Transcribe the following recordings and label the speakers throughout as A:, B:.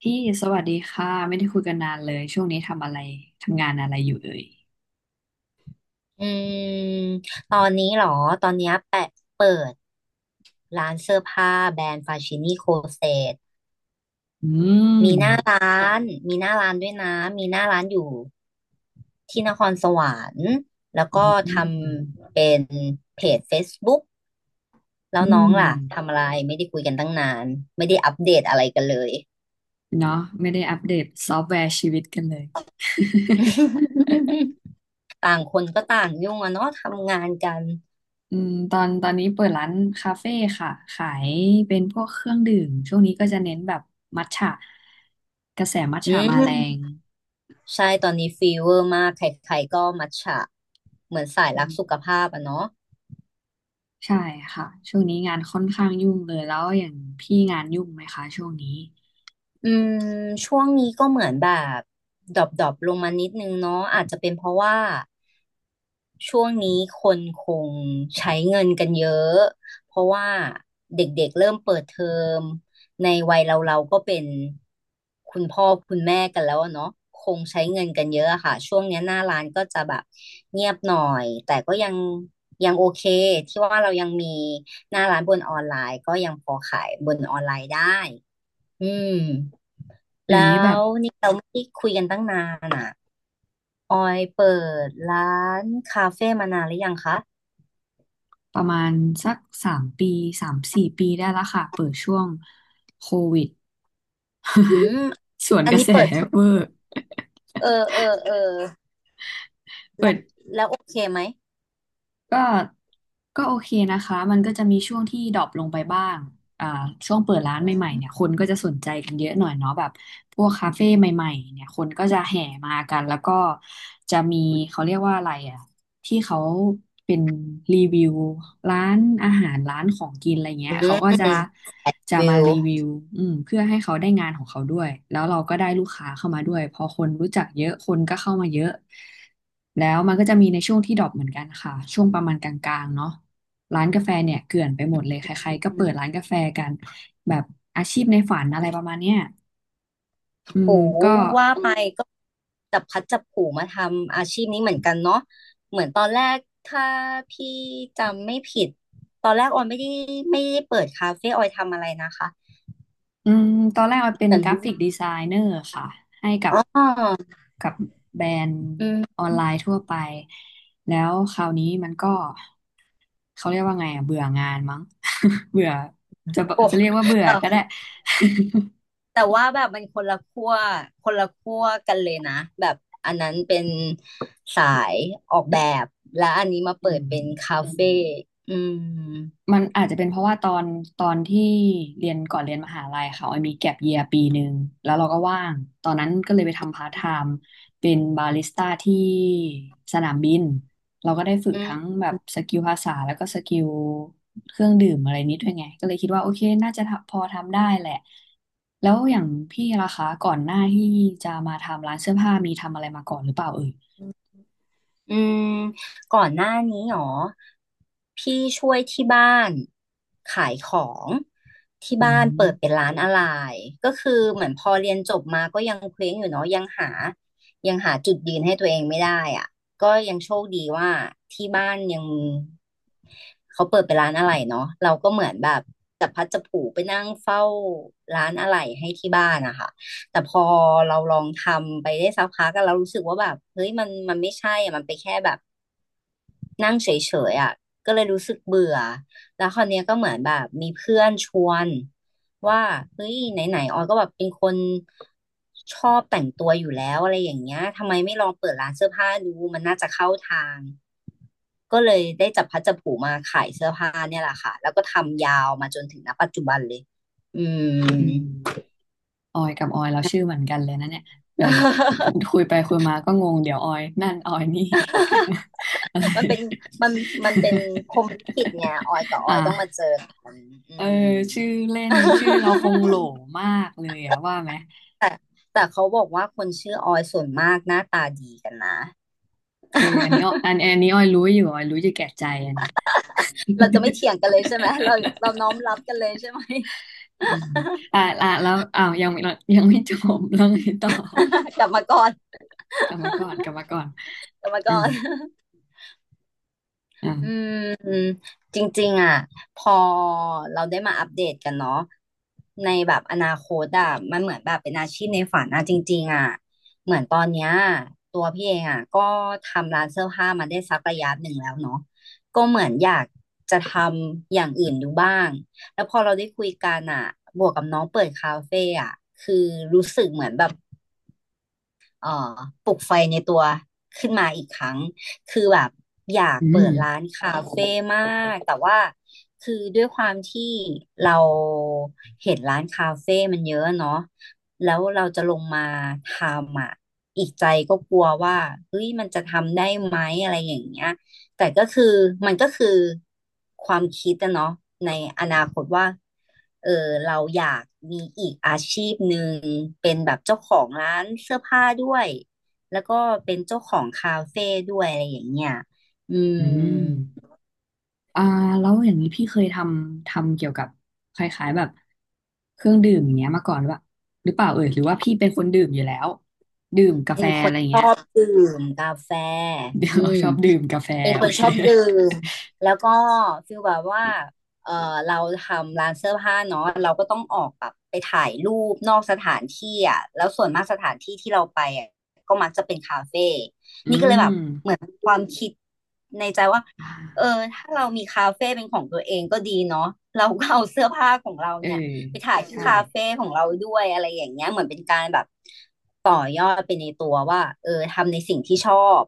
A: พี่สวัสดีค่ะไม่ได้คุยกันนานเลยช่วงนี้ทำงานอะไรอยู่เอ่ย
B: อืมตอนนี้เหรอตอนเนี้ยแปะเปิดร้านเสื้อผ้าแบรนด์ฟาชินี่โคเซต
A: อืม
B: มีหน้าร้านด้วยนะมีหน้าร้านอยู่ที่นครสวรรค์แล้วก็
A: อื
B: ท
A: ม
B: ำเป็นเพจ Facebook แล้
A: อื
B: วน้อง
A: ม
B: ล่ะทำอะไรไม่ได้คุยกันตั้งนานไม่ได้อัปเดตอะไรกันเลย
A: เนาะไม่ได้อัปเดตซอฟต์แวร์ชีวิตกันเลย
B: ต่างคนก็ต่างยุ่งอะเนาะทำงานกัน
A: อืมตอนนี้เปิดร้านคาเฟ่ค่ะขายเป็นพวกเครื่องดื่มช่วงนี้ก็จะเน้นแบบมัทฉะกระแสมัท
B: อื
A: ฉะมาแรง
B: มใช่ตอนนี้ฟีเวอร์มากใครๆก็มัทฉะเหมือนสาย
A: อื
B: รักสุ
A: ม
B: ขภาพอะเนาะ
A: ใช่ค่ะช่วงนี้งานค่อนข้างยุ่งเลยแล้วอย่างพี่งานยุ่งไหมคะช่วงนี้
B: อืมช่วงนี้ก็เหมือนแบบดรอปดอปลงมานิดนึงเนาะอาจจะเป็นเพราะว่าช่วงนี้คนคงใช้เงินกันเยอะเพราะว่าเด็กๆเริ่มเปิดเทอมในวัยเราเราก็เป็นคุณพ่อคุณแม่กันแล้วอะเนาะคงใช้เงินกันเยอะอะค่ะช่วงเนี้ยหน้าร้านก็จะแบบเงียบหน่อยแต่ก็ยังโอเคที่ว่าเรายังมีหน้าร้านบนออนไลน์ก็ยังพอขายบนออนไลน์ได้อืม
A: เดี๋
B: แล้
A: ยวนี้แบบ
B: วนี่เราไม่ได้คุยกันตั้งนานอ่ะออยเปิดร้านคาเฟ่มานานหรือยังคะ
A: ประมาณสัก3 ปี3-4 ปีได้ละค่ะเปิดช่วงโควิด
B: อืม
A: สวน
B: อั
A: ก
B: น
A: ระ
B: นี้
A: แส
B: เปิดที่
A: เวอร์
B: เออ
A: เปิ
B: แล้ว
A: ด
B: โอเคไหม
A: ก็ก็โอเคนะคะมันก็จะมีช่วงที่ดรอปลงไปบ้าง อ่าช่วงเปิดร้าน
B: อื
A: ใหม่ๆ
B: ม
A: เนี่ยคนก็จะสนใจกันเยอะหน่อยเนาะแบบพวกคาเฟ่ใหม่ๆเนี่ยคนก็จะแห่มากันแล้วก็จะมีเขาเรียกว่าอะไรอ่ะที่เขาเป็นรีวิวร้านอาหารร้านของกินอะไรเงี้
B: อื
A: ยเขา
B: ม
A: ก็จะ
B: แปด
A: จะ
B: วิ
A: มา
B: ว
A: รีวิวเพื่อให้เขาได้งานของเขาด้วยแล้วเราก็ได้ลูกค้าเข้ามาด้วยพอคนรู้จักเยอะคนก็เข้ามาเยอะแล้วมันก็จะมีในช่วงที่ดรอปเหมือนกันค่ะช่วงประมาณกลางๆเนาะ ร้านกาแฟเนี่ยเกลื่อนไปหมดเลยใครๆก็เปิดร้านกาแฟกันแบบอาชีพในฝันอะไรประมาณเนี้ยอื
B: โห
A: มก็
B: ว่าไปก็จับพลัดจับผลูมาทำอาชีพนี้เหมือนกันเนาะเหมือนตอนแรกถ้าพี่จำไม่ผิดตอนแรกออยไม่ได้เปิดคาเฟ่ออยทำอะไรนะคะ
A: อืมตอนแรกมันเป็
B: เห
A: น
B: มือน
A: กราฟิกดีไซเนอร์ค่ะให้กับ
B: อ๋อ
A: กับแบรนด์ออนไลน์ทั่วไปแล้วคราวนี้มันก็เขาเรียกว่าไงอ่ะเบื่องานมั้ง เบื่อจะ
B: โอ้
A: จะเรียกว่าเบื่อก็ได้
B: แต่ว่าแบบมันคนละขั้วกันเลยนะแบบอันนั้นเป็นสายออกแบบและอันนี้มา เปิ
A: อื
B: ดเป็น
A: ม
B: คาเฟ่อืม
A: มันอาจจะเป็นเพราะว่าตอนที่เรียนก่อนเรียนมหาลัยค่ะออยมีแก็ปเยีย1 ปีแล้วเราก็ว่างตอนนั้นก็เลยไปทำพาร์ทไทม์เป็นบาริสต้าที่สนามบินเราก็ได้ฝึก
B: อื
A: ทั้ง
B: ม
A: แบบสกิลภาษาแล้วก็สกิลเครื่องดื่มอะไรนิดด้วยไงก็เลยคิดว่าโอเคน่าจะทำพอทำได้แหละแล้วอย่างพี่ล่ะคะก่อนหน้าที่จะมาทำร้านเสื้อผ้ามีทำอะไรมาก่อนหรือเปล่าเอ่ย
B: อืมก่อนหน้านี้หรอพี่ช่วยที่บ้านขายของที่
A: อื
B: บ้านเปิดเป็น
A: ม
B: ร้านอะไรก็คือเหมือนพอเรียนจบมาก็ยังเคว้งอยู่เนาะยังหาจุดยืนให้ตัวเองไม่ได้อ่ะก็ยังโชคดีว่าที่บ้านยังเขาเปิดเป็นร้านอะไรเนาะเราก็เหมือนแบบจับพลัดจับผลูไปนั่งเฝ้าร้านอะไรให้ที่บ้านนะคะ แต่พอเราลองทำไปได้สักพักก็เรารู้สึกว่าแบบเฮ้ยมันไม่ใช่อะมันไปแค่แบบนั่งเฉยๆอ่ะก็เลยรู้สึกเบื่อแล้วคราวเนี้ยก็เหมือนแบบมีเพื่อนชวนว่าเฮ้ยไหนๆออยก็แบบเป็นคนชอบแต่งตัวอยู่แล้วอะไรอย่างเงี้ยทำไมไม่ลองเปิดร้านเสื้อผ้าดูมันน่าจะเข้าทางก็เลยได้จับพลัดจับผลูมาขายเสื้อผ้าเนี่ยแหละค่ะแล้วก็ทำยาวมาจนถึงณปัจจุบันเลยอื
A: อื
B: ม
A: ม ออยกับออยเราชื่อเหมือนกันเลยนะเนี่ยเดี๋ยวคุยไปคุยมาก็งงเดี๋ยวออยนั่นออยนี่ อะไร
B: มันเป็นมันมันเป็นพรหมลิขิตไงออยกับ ออ
A: อ่า
B: ยต้องมาเจอกันอื
A: เออ
B: ม
A: ชื่อเล่
B: อ
A: นชื่อเราค
B: ื
A: งโหล
B: ม
A: มากเลยอะว่าไหม
B: แต่เขาบอกว่าคนชื่อออยส่วนมากหน้าตาดีกันนะ
A: เออ อันนี้ออันอันนี้ออยรู้อยู่ออยรู้อยู่แก่ใจอันเนี้ย
B: เราจะไม่เถียงกันเลยใช่ไหมเราเราน้อม รับกันเลยใช่ไหม
A: อืมอ่าอ่าแล้วอ้าวยังไม่จบแล้วไงต่อ
B: กลับมาก่อน
A: กลับมาก่อนกลับมาก่อน
B: กลับมาก่
A: อ่า
B: อน
A: อ่า
B: อืมจริงๆอ่ะพอเราได้มาอัปเดตกันเนาะในแบบอนาคตอ่ะมันเหมือนแบบเป็นอาชีพในฝันอ่ะจริงๆอ่ะเหมือนตอนเนี้ยตัวพี่เองอ่ะก็ทำร้านเสื้อผ้ามาได้สักระยะหนึ่งแล้วเนาะก็เหมือนอยากจะทำอย่างอื่นดูบ้างแล้วพอเราได้คุยกันอ่ะบวกกับน้องเปิดคาเฟ่อ่ะคือรู้สึกเหมือนแบบ เอ่อปลุกไฟในตัวขึ้นมาอีกครั้ง คือแบบอยาก
A: อื
B: เปิ
A: ม
B: ดร้านคาเฟ่มาก แต่ว่าคือด้วยความที่เราเห็นร้านคาเฟ่มันเยอะเนาะแล้วเราจะลงมาทำอ่ะอีกใจก็กลัวว่าเฮ้ยมันจะทำได้ไหมอะไรอย่างเงี้ย แต่ก็คือมันก็คือความคิดอะเนาะในอนาคตว่า เออเราอยากมีอีกอาชีพหนึ่งเป็นแบบเจ้าของร้านเสื้อผ้าด้วยแล้วก็เป็นเจ้าของคาเฟ่ด้วยอะไรอย่างเงี้ยอื
A: อื
B: ม
A: ม อ่าแล้วอย่างนี้พี่เคยทำเกี่ยวกับคล้ายๆแบบเครื่องดื่มอย่างเงี้ยมาก่อนหรือเปล่าเอ่ยหรือว่าพี่เป็นคนดื่มอยู่แล้วดื่มกา
B: เป็
A: แฟ
B: นค
A: อะ
B: น
A: ไรอย่าง
B: ช
A: เงี้ย
B: อบดื่มกาแฟ
A: เดี๋ย
B: อื
A: ว
B: ม
A: ชอบดื่มกาแฟ
B: เป็น ค
A: โอ
B: น
A: เค
B: ชอบดื่มแล้วก็ฟีลแบบว่าเออเราทำร้านเสื้อผ้าเนาะเราก็ต้องออกแบบไปถ่ายรูปนอกสถานที่อ่ะแล้วส่วนมากสถานที่ที่เราไปอ่ะก็มักจะเป็นคาเฟ่
A: อื
B: นี่ก็เลย
A: ม
B: แบบเหมือนความคิดในใจว่า
A: อ่
B: เออ
A: า
B: ถ้าเรามีคาเฟ่เป็นของตัวเองก็ดีเนาะเราก็เอาเสื้อผ้าของเรา
A: เออ
B: เนี่ยไปถ่ายที่
A: ใช่
B: คาเฟ่ของเราด้วยอะไรอย่างเงี้ยเหมือนเป็นการแบบต่อยอดไปในตัวว่าเออทำในสิ่งที่ชอบ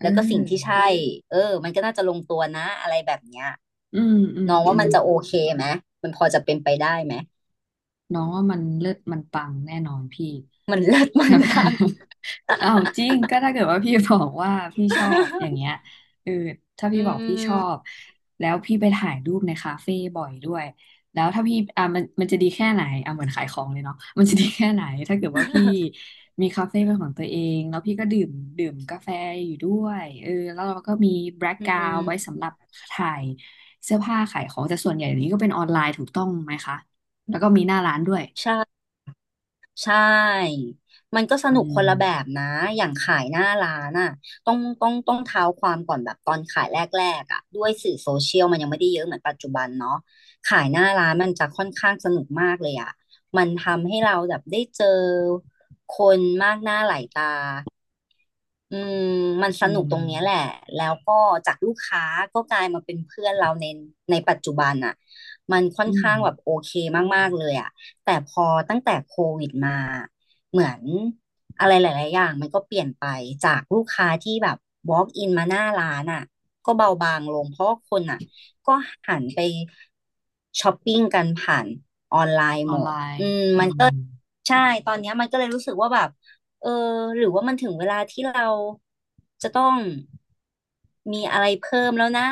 A: เอ
B: แล้วก็สิ่งที่
A: อ
B: ใช่ เออมันก็น่าจะลงตัวนะอะไรแบบเนี้ย
A: อืมอืม
B: น้อง
A: อื
B: ว่า
A: ม
B: มันจะโอเคไหม มันพอจะเป็นไปได้ไหม
A: น้องว่ามันเลิศมันปังแน่นอนพี่
B: มันเลิศ มั
A: ใช่
B: น
A: ไหม
B: ปัง
A: อ้าวจริงก็ถ้าเกิดว่าพี่บอกว่าพี่ชอบอย่างเงี้ย เออถ้า
B: อื
A: พี่บอกพี่ชอบ
B: ม
A: แล้วพี่ไปถ่ายรูปในคาเฟ่บ่อยด้วยแล้วถ้าพี่อ่ะมันจะดีแค่ไหนอ่ะเหมือนขายของเลยเนาะ มันจะดีแค่ไหนถ้าเกิดว่าพี่ มีคาเฟ่เป็นของตัวเองแล้วพี่ก็ดื่มกาแฟอยู่ด้วยเออแล้วเราก็มีแบล็ก
B: อื
A: กราวไว้
B: ม
A: สำหรับถ่ายเสื้อผ้าขายของแต่ส่วนใหญ่นี้ก็เป็นออนไลน์ถูกต้องไหมคะ แล้วก็มีหน้าร้านด้วย
B: ใช่ ใช่ มันก็ส
A: อื
B: นุกค
A: ม
B: นละแบบนะ อย่างขายหน้าร้านอ่ะต้องเท้าความก่อนแบบตอนขายแรกๆอ่ะด้วยสื่อโซเชียลมันยังไม่ได้เยอะเหมือนปัจจุบันเนาะขายหน้าร้านมันจะค่อนข้างสนุกมากเลยอ่ะมันทำให้เราแบบได้เจอคนมากหน้าหลายตา อืมมันส
A: อื
B: นุ
A: ม
B: กตรงเนี้ยแหละ แล้วก็จากลูกค้าก็กลายมาเป็นเพื่อนเราในปัจจุบันอ่ะมันค่อ
A: อื
B: น
A: ม
B: ข้างแบบโอเคมากๆเลยอ่ะแต่พอตั้งแต่โควิดมา เหมือนอะไรหลายๆอย่างมันก็เปลี่ยนไปจากลูกค้าที่แบบ walk in มาหน้าร้านอ่ะก็เบาบางลงเพราะว่าคนอ่ะก็หันไปช้อปปิ้งกันผ่าน
A: ออนไลน์อืม
B: ใช่ตอนเนี้ยมันก็เลยรู้สึกว่าแบบเออหรือว่ามันถึงเวลาที่เราจะต้องมีอะไรเพิ่มแล้วนะ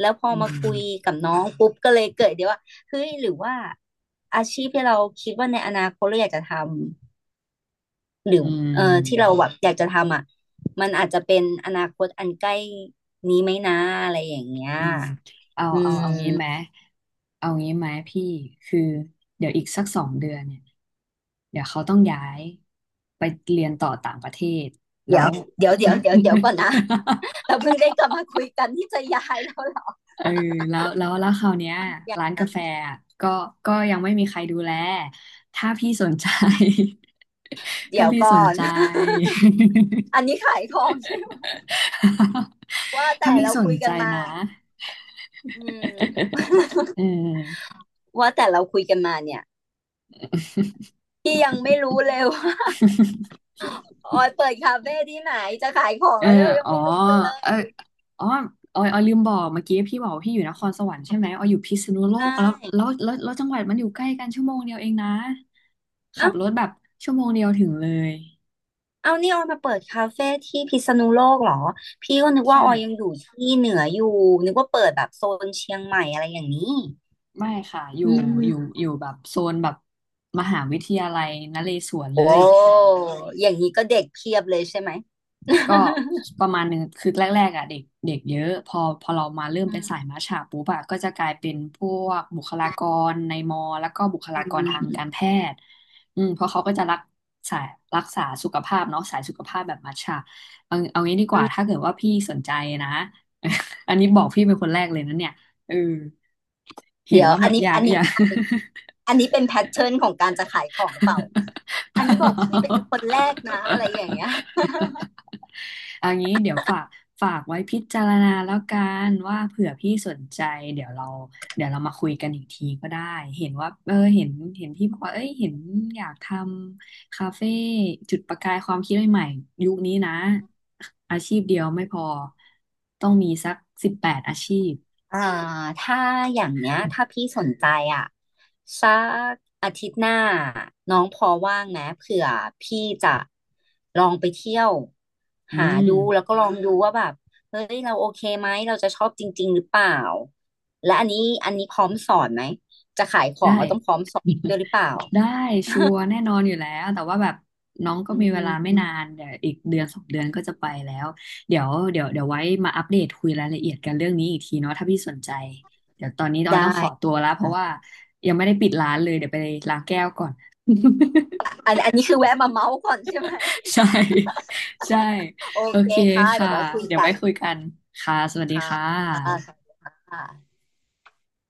B: แล้วพอ
A: อื
B: มาคุย
A: ม
B: กับน้องปุ๊บก็เลยเกิดเดี๋ยวว่าเฮ้ยหรือว่าอาชีพที่เราคิดว่าในอนาคตเราอยากจะทำหรือ
A: อื
B: เออที่เรา
A: ม
B: แบบอยากจะทำอ่ะมันอาจจะเป็นอนาคตอันใกล้นี้ไหมนะอะไรอย่างเงี้ย
A: อืมเอา
B: อื
A: เอาเอา
B: ม
A: งี้ไหมเอางี้ไหมพี่ คือเดี๋ยวอีกสักสองเดือนเนี่ยเดี๋ยวเขาต้องย้ายไปเรียนต่อต่างประเทศแล้
B: เดี๋ยว
A: ว
B: เดี๋ยวเดี๋ยวเดี๋ยวเดี๋ยวก่อนนะ เราเพิ่งได้กลับมาคุยกันที่จะย้ายแล้วเหรอ
A: เออแล้วคราวเนี้ยร้านกาแฟอะก็ก็ยังไม่มีใครดูแลถ้าพี่สนใจ ถ้า
B: เดี๋ยว
A: พี่ส
B: ก่อ
A: น
B: น
A: ใจ
B: อันนี้ ขายของใช่ไหมว่า
A: ถ้า
B: แต่
A: พี่
B: เรา
A: สน
B: คุย
A: ใจ
B: กันมา
A: นะ
B: อืม
A: เออ
B: ว่าแต่เราคุยกันมาเนี่ยพี่ยังไม่รู้เลยว่าออยเปิดคาเฟ่ที่ไหนจะขายของ
A: เออ
B: แล้วเนี่ยเรายัง
A: อ๋อ
B: ไม่รู้กันเล
A: เออ
B: ย
A: อ๋อออยลืมบอกเมื่อกี้พี่บอกว่าพี่อยู่นครสวรรค์ใช่ไหมออยอยู่พิษณุโล
B: ใช่
A: กแล้วจังหวัดมันอยู่ใกล้กันชั่วโมงเดียวเองนะขั
B: เอ้า
A: บรถแบบชั่วโมงเดียวถึงเลย
B: เอานี่ออยมาเปิดคาเฟ่ที่พิษณุโลกเหรอพี่ก็นึกว่า
A: ใช่
B: ออยยังอยู่ที่เหนืออยู่นึกว่าเปิดแบบโซนเชียงใหม่อะไรอย่างนี้
A: ไม่ค่ะอยู่
B: อืม
A: แบบโซนแบบมหาวิทยาลัยนเรศวรเล
B: โอ้
A: ย
B: อย่างนี้ก็เด็กเพียบเลยใช่ไหม
A: ก็ ประมาณนึงคือแรกๆอ่ะเด็กเด็กเยอะพอเรามาเริ่ม
B: อื
A: เป็น
B: ม
A: สายมัชฉะปุ๊บอะก็จะกลายเป็นพวกบุคลากรในมอแล้วก็บุคลากรทางการแพทย์เพราะเขาก็จะรักสายรักษาสุขภาพเนาะสายสุขภาพแบบมัชฉะเอาเอางี้ดีก
B: อื
A: ว่า
B: ม
A: ถ้าเกิดว่าพี่สนใจนะ อันนี้บอกพี่เป็นคนแรกเลยนะเนี่ยเออเห็น
B: เดี๋ยว
A: ว่าแบ
B: อัน
A: บ
B: นี้
A: อยา
B: อั
A: ก
B: น
A: อ
B: นี้
A: ยาก
B: อันนี้เป็นแพทเทิร์นของการจะขายของหรือเปล่า
A: เป
B: อัน
A: ล่
B: นี้บอกพี่เป็น
A: า
B: คนแรกนะอะไรอย่างเงี้ย
A: เางี้เดี๋ยวฝากไว้พิจารณาแล้วกันว่าเผื่อพี่สนใจเดี๋ยวเราเดี๋ยวเรามาคุยกันอีกทีก็ได้เห็นว่าเออเห็นพี่บอกว่าเอ้ยเห็นอยากทำคาเฟ่จุดประกายความคิดใหม่ๆยุคนี้นะอาชีพเดียวไม่พอต้องมีสัก18 อาชีพ
B: อ่าถ้าอย่างเนี้ยถ้าพี่สนใจอ่ะสักอาทิตย์หน้าน้องพอว่างไหมเผื่อพี่จะลองไปเที่ยว
A: อื
B: หา
A: ม
B: ดูแล้วก็ลองดูว่าแบบเฮ้ยเราโอเคไหมเราจะชอบจริงๆหรือเปล่าและอันนี้พร้อมสอนไหมจะขายขอ
A: ได้
B: งเราต้องพร้อมสอนด้วยหรือเปล่า
A: ได้ชัวร์แน่นอนอยู่แล้วแต่ว่าแบบน้องก็
B: อื
A: มีเวลาไม่
B: ม
A: นานเดี๋ยวอีกเดือนสองเดือนก็จะไปแล้วเดี๋ยวไว้มาอัปเดตคุยรายละเอียดกันเรื่องนี้อีกทีเนาะถ้าพี่สนใจเดี๋ยวตอนนี้ออย
B: ได้
A: ต้องขอตัวแล้วเพราะว่า
B: ค่ะ
A: ยังไม่ได้ปิดร้านเลยเดี๋ยวไปล้างแก้วก่อน
B: อันนี้คือแวะมาเมาส์ก่อนใช่ไหม
A: ใช่ใช่
B: โอ
A: โอ
B: เค
A: เค
B: ค่ะเดี๋
A: ค่ะ
B: ยวไว้คุย
A: เดี๋ยว
B: กั
A: ไว้
B: น
A: คุยกันค่ะสวัสดีค่
B: ค่ะ
A: ะ
B: ค่ะ